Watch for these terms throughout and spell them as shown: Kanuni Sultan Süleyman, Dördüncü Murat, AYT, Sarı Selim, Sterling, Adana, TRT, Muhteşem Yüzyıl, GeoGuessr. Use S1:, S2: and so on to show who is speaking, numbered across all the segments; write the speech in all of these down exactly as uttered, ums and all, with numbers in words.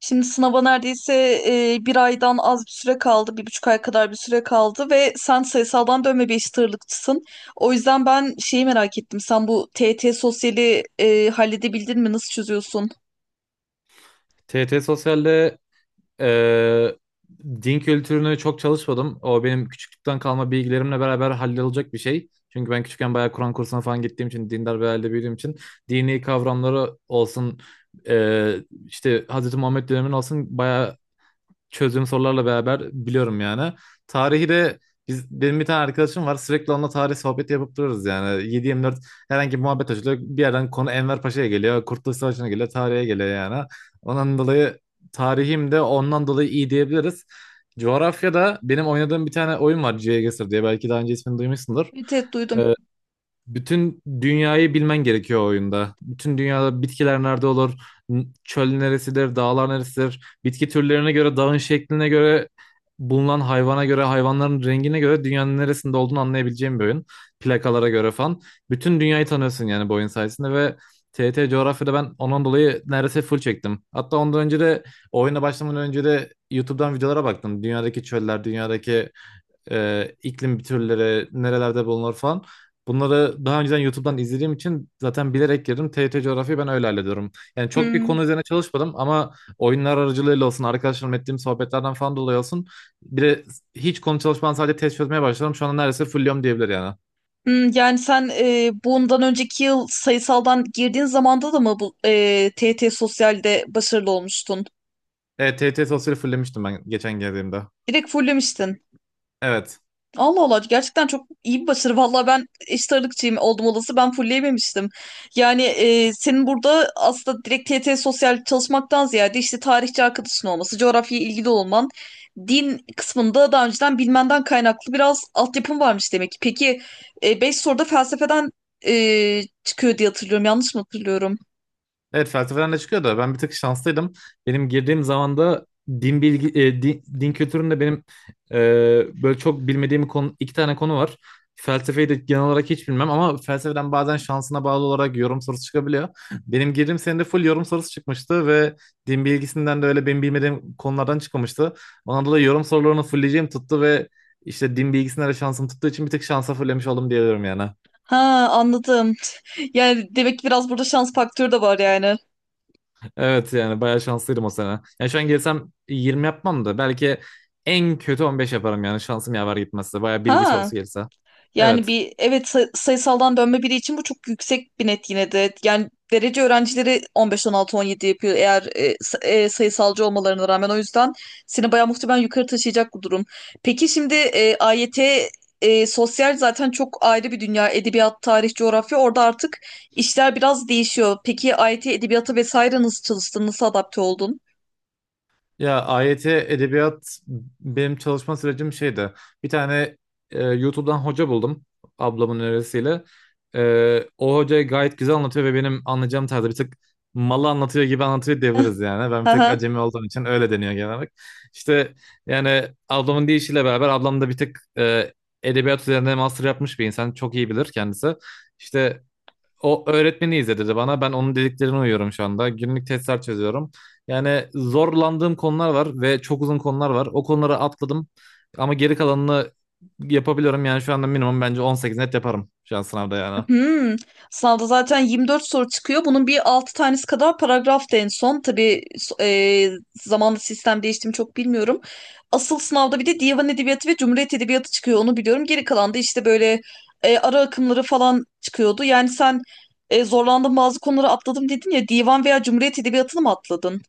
S1: Şimdi sınava neredeyse e, bir aydan az bir süre kaldı, bir buçuk ay kadar bir süre kaldı ve sen sayısaldan dönme bir eşit ağırlıkçısın. O yüzden ben şeyi merak ettim. Sen bu T Y T sosyali e, halledebildin mi? Nasıl çözüyorsun?
S2: T T Sosyal'de eee, din kültürünü çok çalışmadım. O benim küçüklükten kalma bilgilerimle beraber hallolacak bir şey. Çünkü ben küçükken bayağı Kur'an kursuna falan gittiğim için, dindar bir ailede büyüdüğüm için dini kavramları olsun, eee, işte Hz. Muhammed dönemin olsun bayağı çözdüğüm sorularla beraber biliyorum yani. Tarihi de biz, benim bir tane arkadaşım var, sürekli onunla tarih sohbeti yapıp duruyoruz yani. yedi dört herhangi bir muhabbet açılıyor. Bir yerden konu Enver Paşa'ya geliyor. Kurtuluş Savaşı'na geliyor. Tarihe geliyor yani. Ondan dolayı tarihim de ondan dolayı iyi diyebiliriz. Coğrafyada benim oynadığım bir tane oyun var, GeoGuessr diye. Belki daha önce ismini duymuşsundur.
S1: Evet, evet, duydum.
S2: Ee, bütün dünyayı bilmen gerekiyor o oyunda. Bütün dünyada bitkiler nerede olur, n- çöl neresidir, dağlar neresidir, bitki türlerine göre, dağın şekline göre, bulunan hayvana göre, hayvanların rengine göre dünyanın neresinde olduğunu anlayabileceğin bir oyun. Plakalara göre falan. Bütün dünyayı tanıyorsun yani bu oyun sayesinde ve T R T coğrafyada ben ondan dolayı neredeyse full çektim. Hatta ondan önce de oyuna başlamadan önce de YouTube'dan videolara baktım. Dünyadaki çöller, dünyadaki e, iklim türleri, nerelerde bulunur falan. Bunları daha önceden YouTube'dan izlediğim için zaten bilerek girdim. T R T coğrafyayı ben öyle hallediyorum. Yani çok bir
S1: Hmm.
S2: konu üzerine çalışmadım ama oyunlar aracılığıyla olsun, arkadaşlarımla ettiğim sohbetlerden falan dolayı olsun. Bir de hiç konu çalışmadan sadece test çözmeye başladım. Şu anda neredeyse fulliyorum diyebilir yani.
S1: Hmm, yani sen e, bundan önceki yıl sayısaldan girdiğin zamanda da mı bu e, T Y T sosyalde başarılı olmuştun?
S2: Evet, T R T sosyali fullemiştim ben geçen geldiğimde.
S1: Direkt fullemiştin.
S2: Evet.
S1: Allah Allah, gerçekten çok iyi bir başarı. Valla ben eşit ağırlıkçıyım oldum olası, ben fullleyememiştim. Yani e, senin burada aslında direkt T Y T sosyal çalışmaktan ziyade işte tarihçi arkadaşın olması, coğrafyaya ilgili olman, din kısmında daha önceden bilmenden kaynaklı biraz altyapın varmış demek ki. Peki e, beş soruda felsefeden e, çıkıyor diye hatırlıyorum. Yanlış mı hatırlıyorum?
S2: Evet, felsefeden de çıkıyor da ben bir tık şanslıydım. Benim girdiğim zaman da din bilgi e, din, din kültüründe benim e, böyle çok bilmediğim konu, iki tane konu var. Felsefeyi de genel olarak hiç bilmem ama felsefeden bazen şansına bağlı olarak yorum sorusu çıkabiliyor. Benim girdiğim senede full yorum sorusu çıkmıştı ve din bilgisinden de öyle benim bilmediğim konulardan çıkmamıştı. Ona da yorum sorularını fullleyeceğim tuttu ve işte din bilgisinden de şansım tuttuğu için bir tek şansa fullemiş oldum diyebilirim yani.
S1: Ha, anladım. Yani demek ki biraz burada şans faktörü de var yani.
S2: Evet, yani bayağı şanslıydım o sene. Yani şu an gelsem yirmi yapmam da belki en kötü on beş yaparım yani şansım yaver gitmezse. Bayağı bilgi
S1: Ha.
S2: sorusu gelirse.
S1: Yani
S2: Evet.
S1: bir evet, say- sayısaldan dönme biri için bu çok yüksek bir net yine de. Yani derece öğrencileri on beş, on altı, on yedi yapıyor eğer e, sa- e, sayısalcı olmalarına rağmen. O yüzden seni bayağı muhtemelen yukarı taşıyacak bu durum. Peki şimdi e, A Y T e, sosyal zaten çok ayrı bir dünya. Edebiyat, tarih, coğrafya orada artık işler biraz değişiyor. Peki A Y T edebiyata vesaire nasıl çalıştın? Nasıl adapte oldun?
S2: Ya, A Y T edebiyat benim çalışma sürecim şeydi. Bir tane e, YouTube'dan hoca buldum ablamın önerisiyle. E, o hoca gayet güzel anlatıyor ve benim anlayacağım tarzda bir tık malı anlatıyor gibi anlatıyor diyebiliriz yani. Ben bir tek
S1: Aha.
S2: acemi olduğum için öyle deniyor genel olarak. İşte, yani ablamın deyişiyle beraber ablam da bir tık e, edebiyat üzerine master yapmış bir insan. Çok iyi bilir kendisi. İşte, o öğretmeni izledi dedi bana. Ben onun dediklerine uyuyorum şu anda. Günlük testler çözüyorum. Yani zorlandığım konular var ve çok uzun konular var. O konuları atladım ama geri kalanını yapabiliyorum. Yani şu anda minimum bence on sekiz net yaparım şu an sınavda yani.
S1: Hmm. Sınavda zaten yirmi dört soru çıkıyor. Bunun bir altı tanesi kadar paragraftı en son. Tabii, so- e, zamanla sistem değişti mi çok bilmiyorum. Asıl sınavda bir de divan edebiyatı ve cumhuriyet edebiyatı çıkıyor. Onu biliyorum. Geri kalan da işte böyle e, ara akımları falan çıkıyordu. Yani sen e, zorlandın, bazı konuları atladım dedin ya. Divan veya cumhuriyet edebiyatını mı atladın?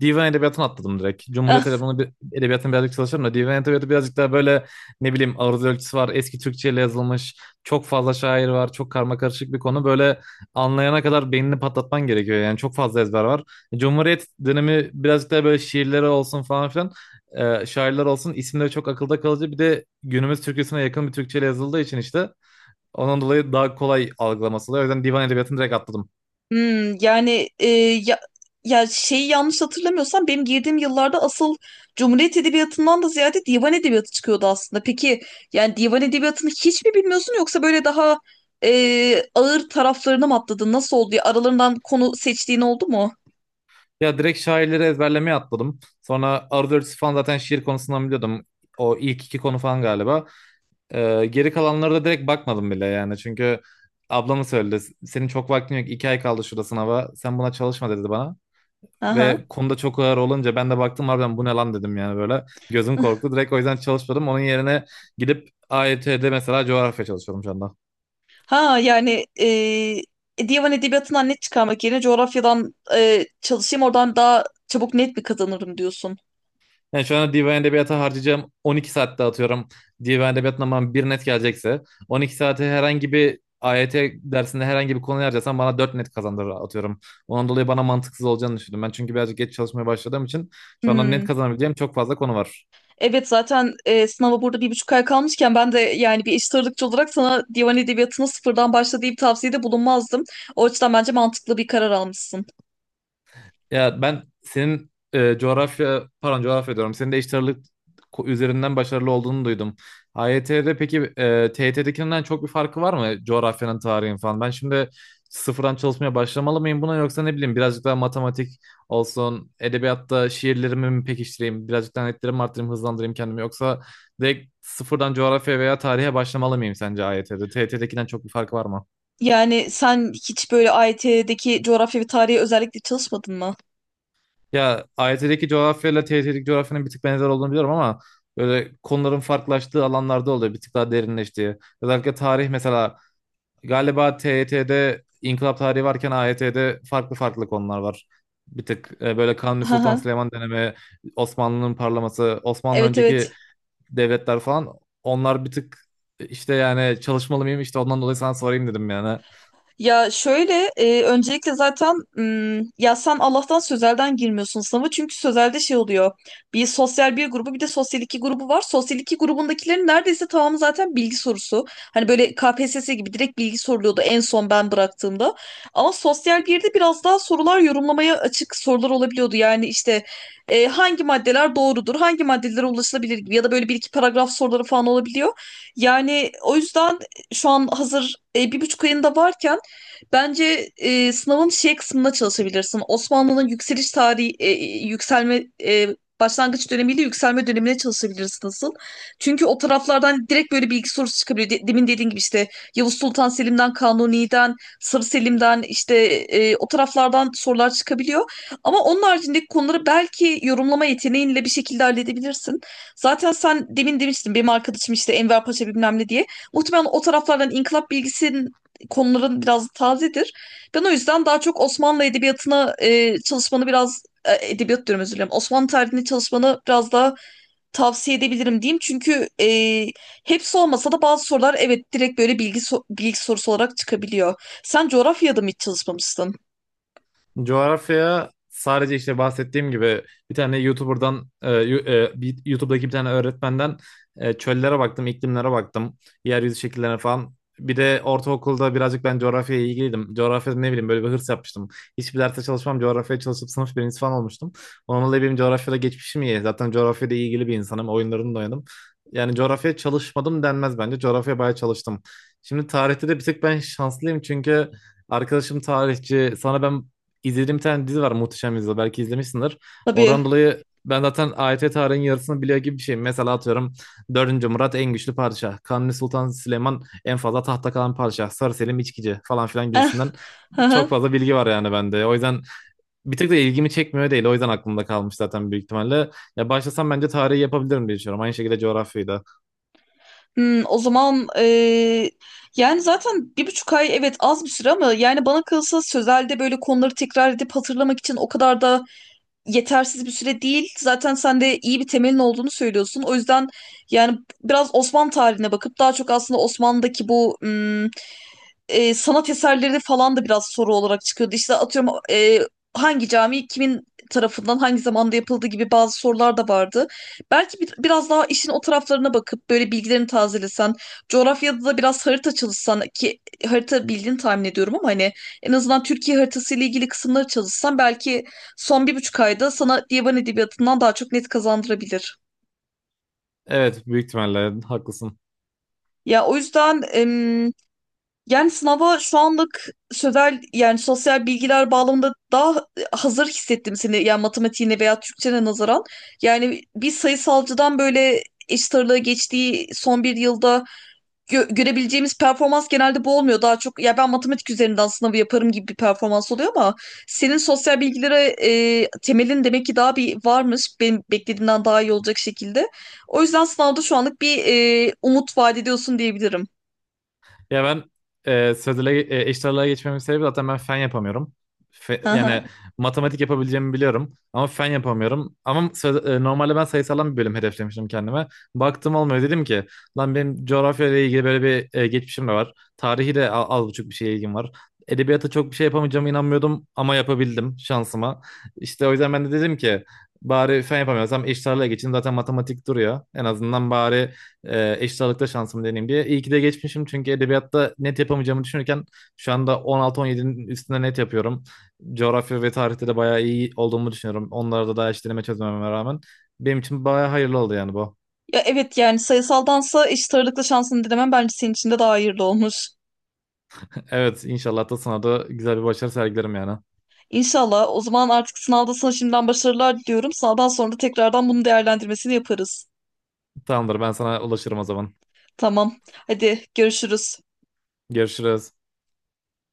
S2: Divan edebiyatını atladım direkt. Cumhuriyet edebiyatını, bir- edebiyatını birazcık çalışırım da divan edebiyatı birazcık daha böyle, ne bileyim, aruz ölçüsü var. Eski Türkçeyle yazılmış. Çok fazla şair var. Çok karma karışık bir konu. Böyle, anlayana kadar beynini patlatman gerekiyor. Yani çok fazla ezber var. Cumhuriyet dönemi birazcık daha böyle şiirleri olsun falan filan. E, şairler olsun, isimleri çok akılda kalıcı. Bir de günümüz Türkçesine yakın bir Türkçeyle yazıldığı için işte. Onun dolayı daha kolay algılaması oluyor. O yüzden divan edebiyatını direkt atladım.
S1: Hmm, yani e, ya, ya şeyi yanlış hatırlamıyorsam benim girdiğim yıllarda asıl Cumhuriyet Edebiyatı'ndan da ziyade divan edebiyatı çıkıyordu aslında. Peki yani divan edebiyatını hiç mi bilmiyorsun yoksa böyle daha e, ağır taraflarına mı atladın? Nasıl oldu ya? Aralarından konu seçtiğin oldu mu?
S2: Ya, direkt şairleri ezberlemeye atladım. Sonra Arthur falan zaten şiir konusundan biliyordum. O ilk iki konu falan galiba. Ee, geri kalanlara da direkt bakmadım bile yani. Çünkü ablamı söyledi. Senin çok vaktin yok. iki ay kaldı şurada sınava. Sen buna çalışma dedi bana.
S1: Aha.
S2: Ve konuda çok ağır olunca ben de baktım, harbiden bu ne lan dedim yani böyle. Gözüm korktu. Direkt o yüzden çalışmadım. Onun yerine gidip A Y T'de mesela coğrafya çalışıyorum şu anda.
S1: Ha yani e, divan edebiyatından net çıkarmak yerine coğrafyadan e, çalışayım oradan daha çabuk net mi kazanırım diyorsun.
S2: Yani şu anda divan edebiyata harcayacağım on iki saatte atıyorum. Divan edebiyatından bana bir net gelecekse on iki saati herhangi bir A Y T dersinde herhangi bir konuya harcarsam bana dört net kazandırır atıyorum. Ondan dolayı bana mantıksız olacağını düşündüm. Ben çünkü birazcık geç çalışmaya başladığım için şu anda net
S1: Hmm.
S2: kazanabileceğim çok fazla konu var.
S1: Evet, zaten e, sınava burada bir buçuk ay kalmışken ben de yani bir eşit ağırlıkçı olarak sana divan edebiyatına sıfırdan başla diye bir tavsiyede bulunmazdım. O açıdan bence mantıklı bir karar almışsın.
S2: Ya, ben senin e, coğrafya, pardon, coğrafya diyorum. Senin de eşit ağırlık ko- üzerinden başarılı olduğunu duydum. A Y T'de peki, e, T Y T'dekinden çok bir farkı var mı coğrafyanın, tarihin falan? Ben şimdi sıfırdan çalışmaya başlamalı mıyım buna, yoksa ne bileyim birazcık daha matematik olsun, edebiyatta şiirlerimi mi pekiştireyim, birazcık daha netlerimi arttırayım, hızlandırayım kendimi, yoksa direkt sıfırdan coğrafya veya tarihe başlamalı mıyım sence A Y T'de? T Y T'dekinden çok bir farkı var mı?
S1: Yani sen hiç böyle A Y T'deki coğrafya ve tarihe özellikle çalışmadın mı?
S2: Ya, A Y T'deki coğrafyayla T Y T'deki coğrafyanın bir tık benzer olduğunu biliyorum ama böyle konuların farklılaştığı alanlarda oluyor. Bir tık daha derinleştiği. Özellikle tarih mesela galiba T Y T'de inkılap tarihi varken A Y T'de farklı farklı konular var. Bir tık e, böyle Kanuni
S1: Hı
S2: Sultan
S1: hı.
S2: Süleyman dönemi, Osmanlı'nın parlaması, Osmanlı
S1: Evet,
S2: önceki
S1: evet.
S2: devletler falan, onlar bir tık işte, yani çalışmalı mıyım işte, ondan dolayı sana sorayım dedim yani.
S1: Ya şöyle, e, öncelikle zaten, m, ya sen Allah'tan sözelden girmiyorsun sınava, çünkü sözelde şey oluyor, bir sosyal bir grubu bir de sosyal iki grubu var, sosyal iki grubundakilerin neredeyse tamamı zaten bilgi sorusu, hani böyle K P S S gibi direkt bilgi soruluyordu en son ben bıraktığımda, ama sosyal birde biraz daha sorular yorumlamaya açık sorular olabiliyordu, yani işte e, hangi maddeler doğrudur, hangi maddelere ulaşılabilir gibi, ya da böyle bir iki paragraf soruları falan olabiliyor, yani o yüzden şu an hazır e, bir buçuk ayında varken. Bence e, sınavın şey kısmında çalışabilirsin. Osmanlı'nın yükseliş tarihi, e, yükselme, e, başlangıç dönemiyle yükselme dönemine çalışabilirsin, nasıl? Çünkü o taraflardan direkt böyle bilgi sorusu çıkabiliyor. De- demin dediğin gibi işte Yavuz Sultan Selim'den, Kanuni'den, Sarı Selim'den, işte e, o taraflardan sorular çıkabiliyor. Ama onun haricindeki konuları belki yorumlama yeteneğinle bir şekilde halledebilirsin. Zaten sen demin demiştin, benim arkadaşım işte Enver Paşa bilmem ne diye. Muhtemelen o taraflardan inkılap bilgisi konuların biraz tazedir. Ben o yüzden daha çok Osmanlı edebiyatına e, çalışmanı, biraz e, edebiyat diyorum, özür dilerim. Osmanlı tarihini çalışmanı biraz daha tavsiye edebilirim, diyeyim. Çünkü e, hepsi olmasa da bazı sorular, evet, direkt böyle bilgi so- bilgi sorusu olarak çıkabiliyor. Sen coğrafyada mı hiç çalışmamıştın?
S2: Coğrafya sadece işte bahsettiğim gibi bir tane YouTuber'dan, e, yu- e, bir- YouTube'daki bir tane öğretmenden e, çöllere baktım, iklimlere baktım, yeryüzü şekillerine falan. Bir de ortaokulda birazcık ben coğrafyaya ilgiliydim. Coğrafyada, ne bileyim, böyle bir hırs yapmıştım. Hiçbir derste çalışmam, coğrafyaya çalışıp sınıf birincisi falan olmuştum. Onunla dolayı benim coğrafyada geçmişim iyi. Zaten coğrafyada ilgili bir insanım, oyunlarını da oynadım. Yani coğrafyaya çalışmadım denmez bence. Coğrafyaya bayağı çalıştım. Şimdi tarihte de bir tık ben şanslıyım çünkü arkadaşım tarihçi. Sana ben İzlediğim bir tane dizi var, Muhteşem Yüzyıl, belki izlemişsindir.
S1: Tabii.
S2: Oradan dolayı ben zaten A Y T tarihinin yarısını biliyor gibi bir şeyim. Mesela atıyorum, dördüncü Murat en güçlü padişah. Kanuni Sultan Süleyman en fazla tahta kalan padişah. Sarı Selim içkici falan filan
S1: Eh,
S2: gibisinden
S1: hı
S2: çok
S1: hı.
S2: fazla bilgi var yani bende. O yüzden bir tık da ilgimi çekmiyor değil. O yüzden aklımda kalmış zaten büyük ihtimalle. Ya başlasam bence tarihi yapabilirim diye düşünüyorum. Aynı şekilde coğrafyayı da.
S1: Hmm, o zaman eee, yani zaten bir buçuk ay, evet, az bir süre ama yani bana kalırsa sözelde böyle konuları tekrar edip hatırlamak için o kadar da yetersiz bir süre değil. Zaten sen de iyi bir temelin olduğunu söylüyorsun. O yüzden yani biraz Osmanlı tarihine bakıp daha çok aslında Osmanlı'daki bu hmm, e, sanat eserleri falan da biraz soru olarak çıkıyordu. İşte atıyorum, e, hangi cami kimin tarafından hangi zamanda yapıldığı gibi bazı sorular da vardı. Belki bir- biraz daha işin o taraflarına bakıp böyle bilgilerini tazelesen, coğrafyada da biraz harita çalışsan, ki harita bildiğini tahmin ediyorum ama hani en azından Türkiye haritası ile ilgili kısımları çalışsan, belki son bir buçuk ayda sana divan edebiyatından daha çok net kazandırabilir.
S2: Evet, büyük ihtimalle haklısın.
S1: Ya o yüzden, em, Yani sınava şu anlık sözel yani sosyal bilgiler bağlamında daha hazır hissettim seni, yani matematiğine veya Türkçene nazaran. Yani bir sayısalcıdan böyle eşit ağırlığa geçtiği son bir yılda gö- görebileceğimiz performans genelde bu olmuyor. Daha çok ya ben matematik üzerinden sınavı yaparım gibi bir performans oluyor, ama senin sosyal bilgilere e, temelin demek ki daha bir varmış. Benim beklediğimden daha iyi olacak şekilde. O yüzden sınavda şu anlık bir e, umut vaat ediyorsun diyebilirim.
S2: Ya ben e, sözele e, eşit ağırlığa geçmemin sebebi zaten ben fen yapamıyorum. Fe-
S1: Hı.
S2: yani matematik yapabileceğimi biliyorum ama fen yapamıyorum. Ama söz, e, normalde ben sayısaldan bir bölüm hedeflemiştim kendime. Baktım olmuyor, dedim ki lan benim coğrafya ile ilgili böyle bir e, geçmişim de var. Tarihi de al, az buçuk bir şeye ilgim var. Edebiyata çok bir şey yapamayacağımı inanmıyordum ama yapabildim şansıma. İşte o yüzden ben de dedim ki bari fen yapamıyorsam eşit ağırlığa geçeyim, zaten matematik duruyor. En azından bari e, eşit ağırlıkta şansımı deneyeyim diye. İyi ki de geçmişim çünkü edebiyatta net yapamayacağımı düşünürken şu anda on altı on yedinin üstünde net yapıyorum. Coğrafya ve tarihte de bayağı iyi olduğumu düşünüyorum. Onlarda da hiç deneme çözmememe rağmen. Benim için bayağı hayırlı oldu yani bu.
S1: Ya, evet, yani sayısaldansa eşit ağırlıklı şansını denemen bence senin için de daha hayırlı olmuş.
S2: Evet, inşallah da sana da güzel bir başarı sergilerim yani.
S1: İnşallah. O zaman artık sınavda sana şimdiden başarılar diliyorum. Sınavdan sonra da tekrardan bunu değerlendirmesini yaparız.
S2: Tamamdır, ben sana ulaşırım o zaman.
S1: Tamam. Hadi, görüşürüz.
S2: Görüşürüz.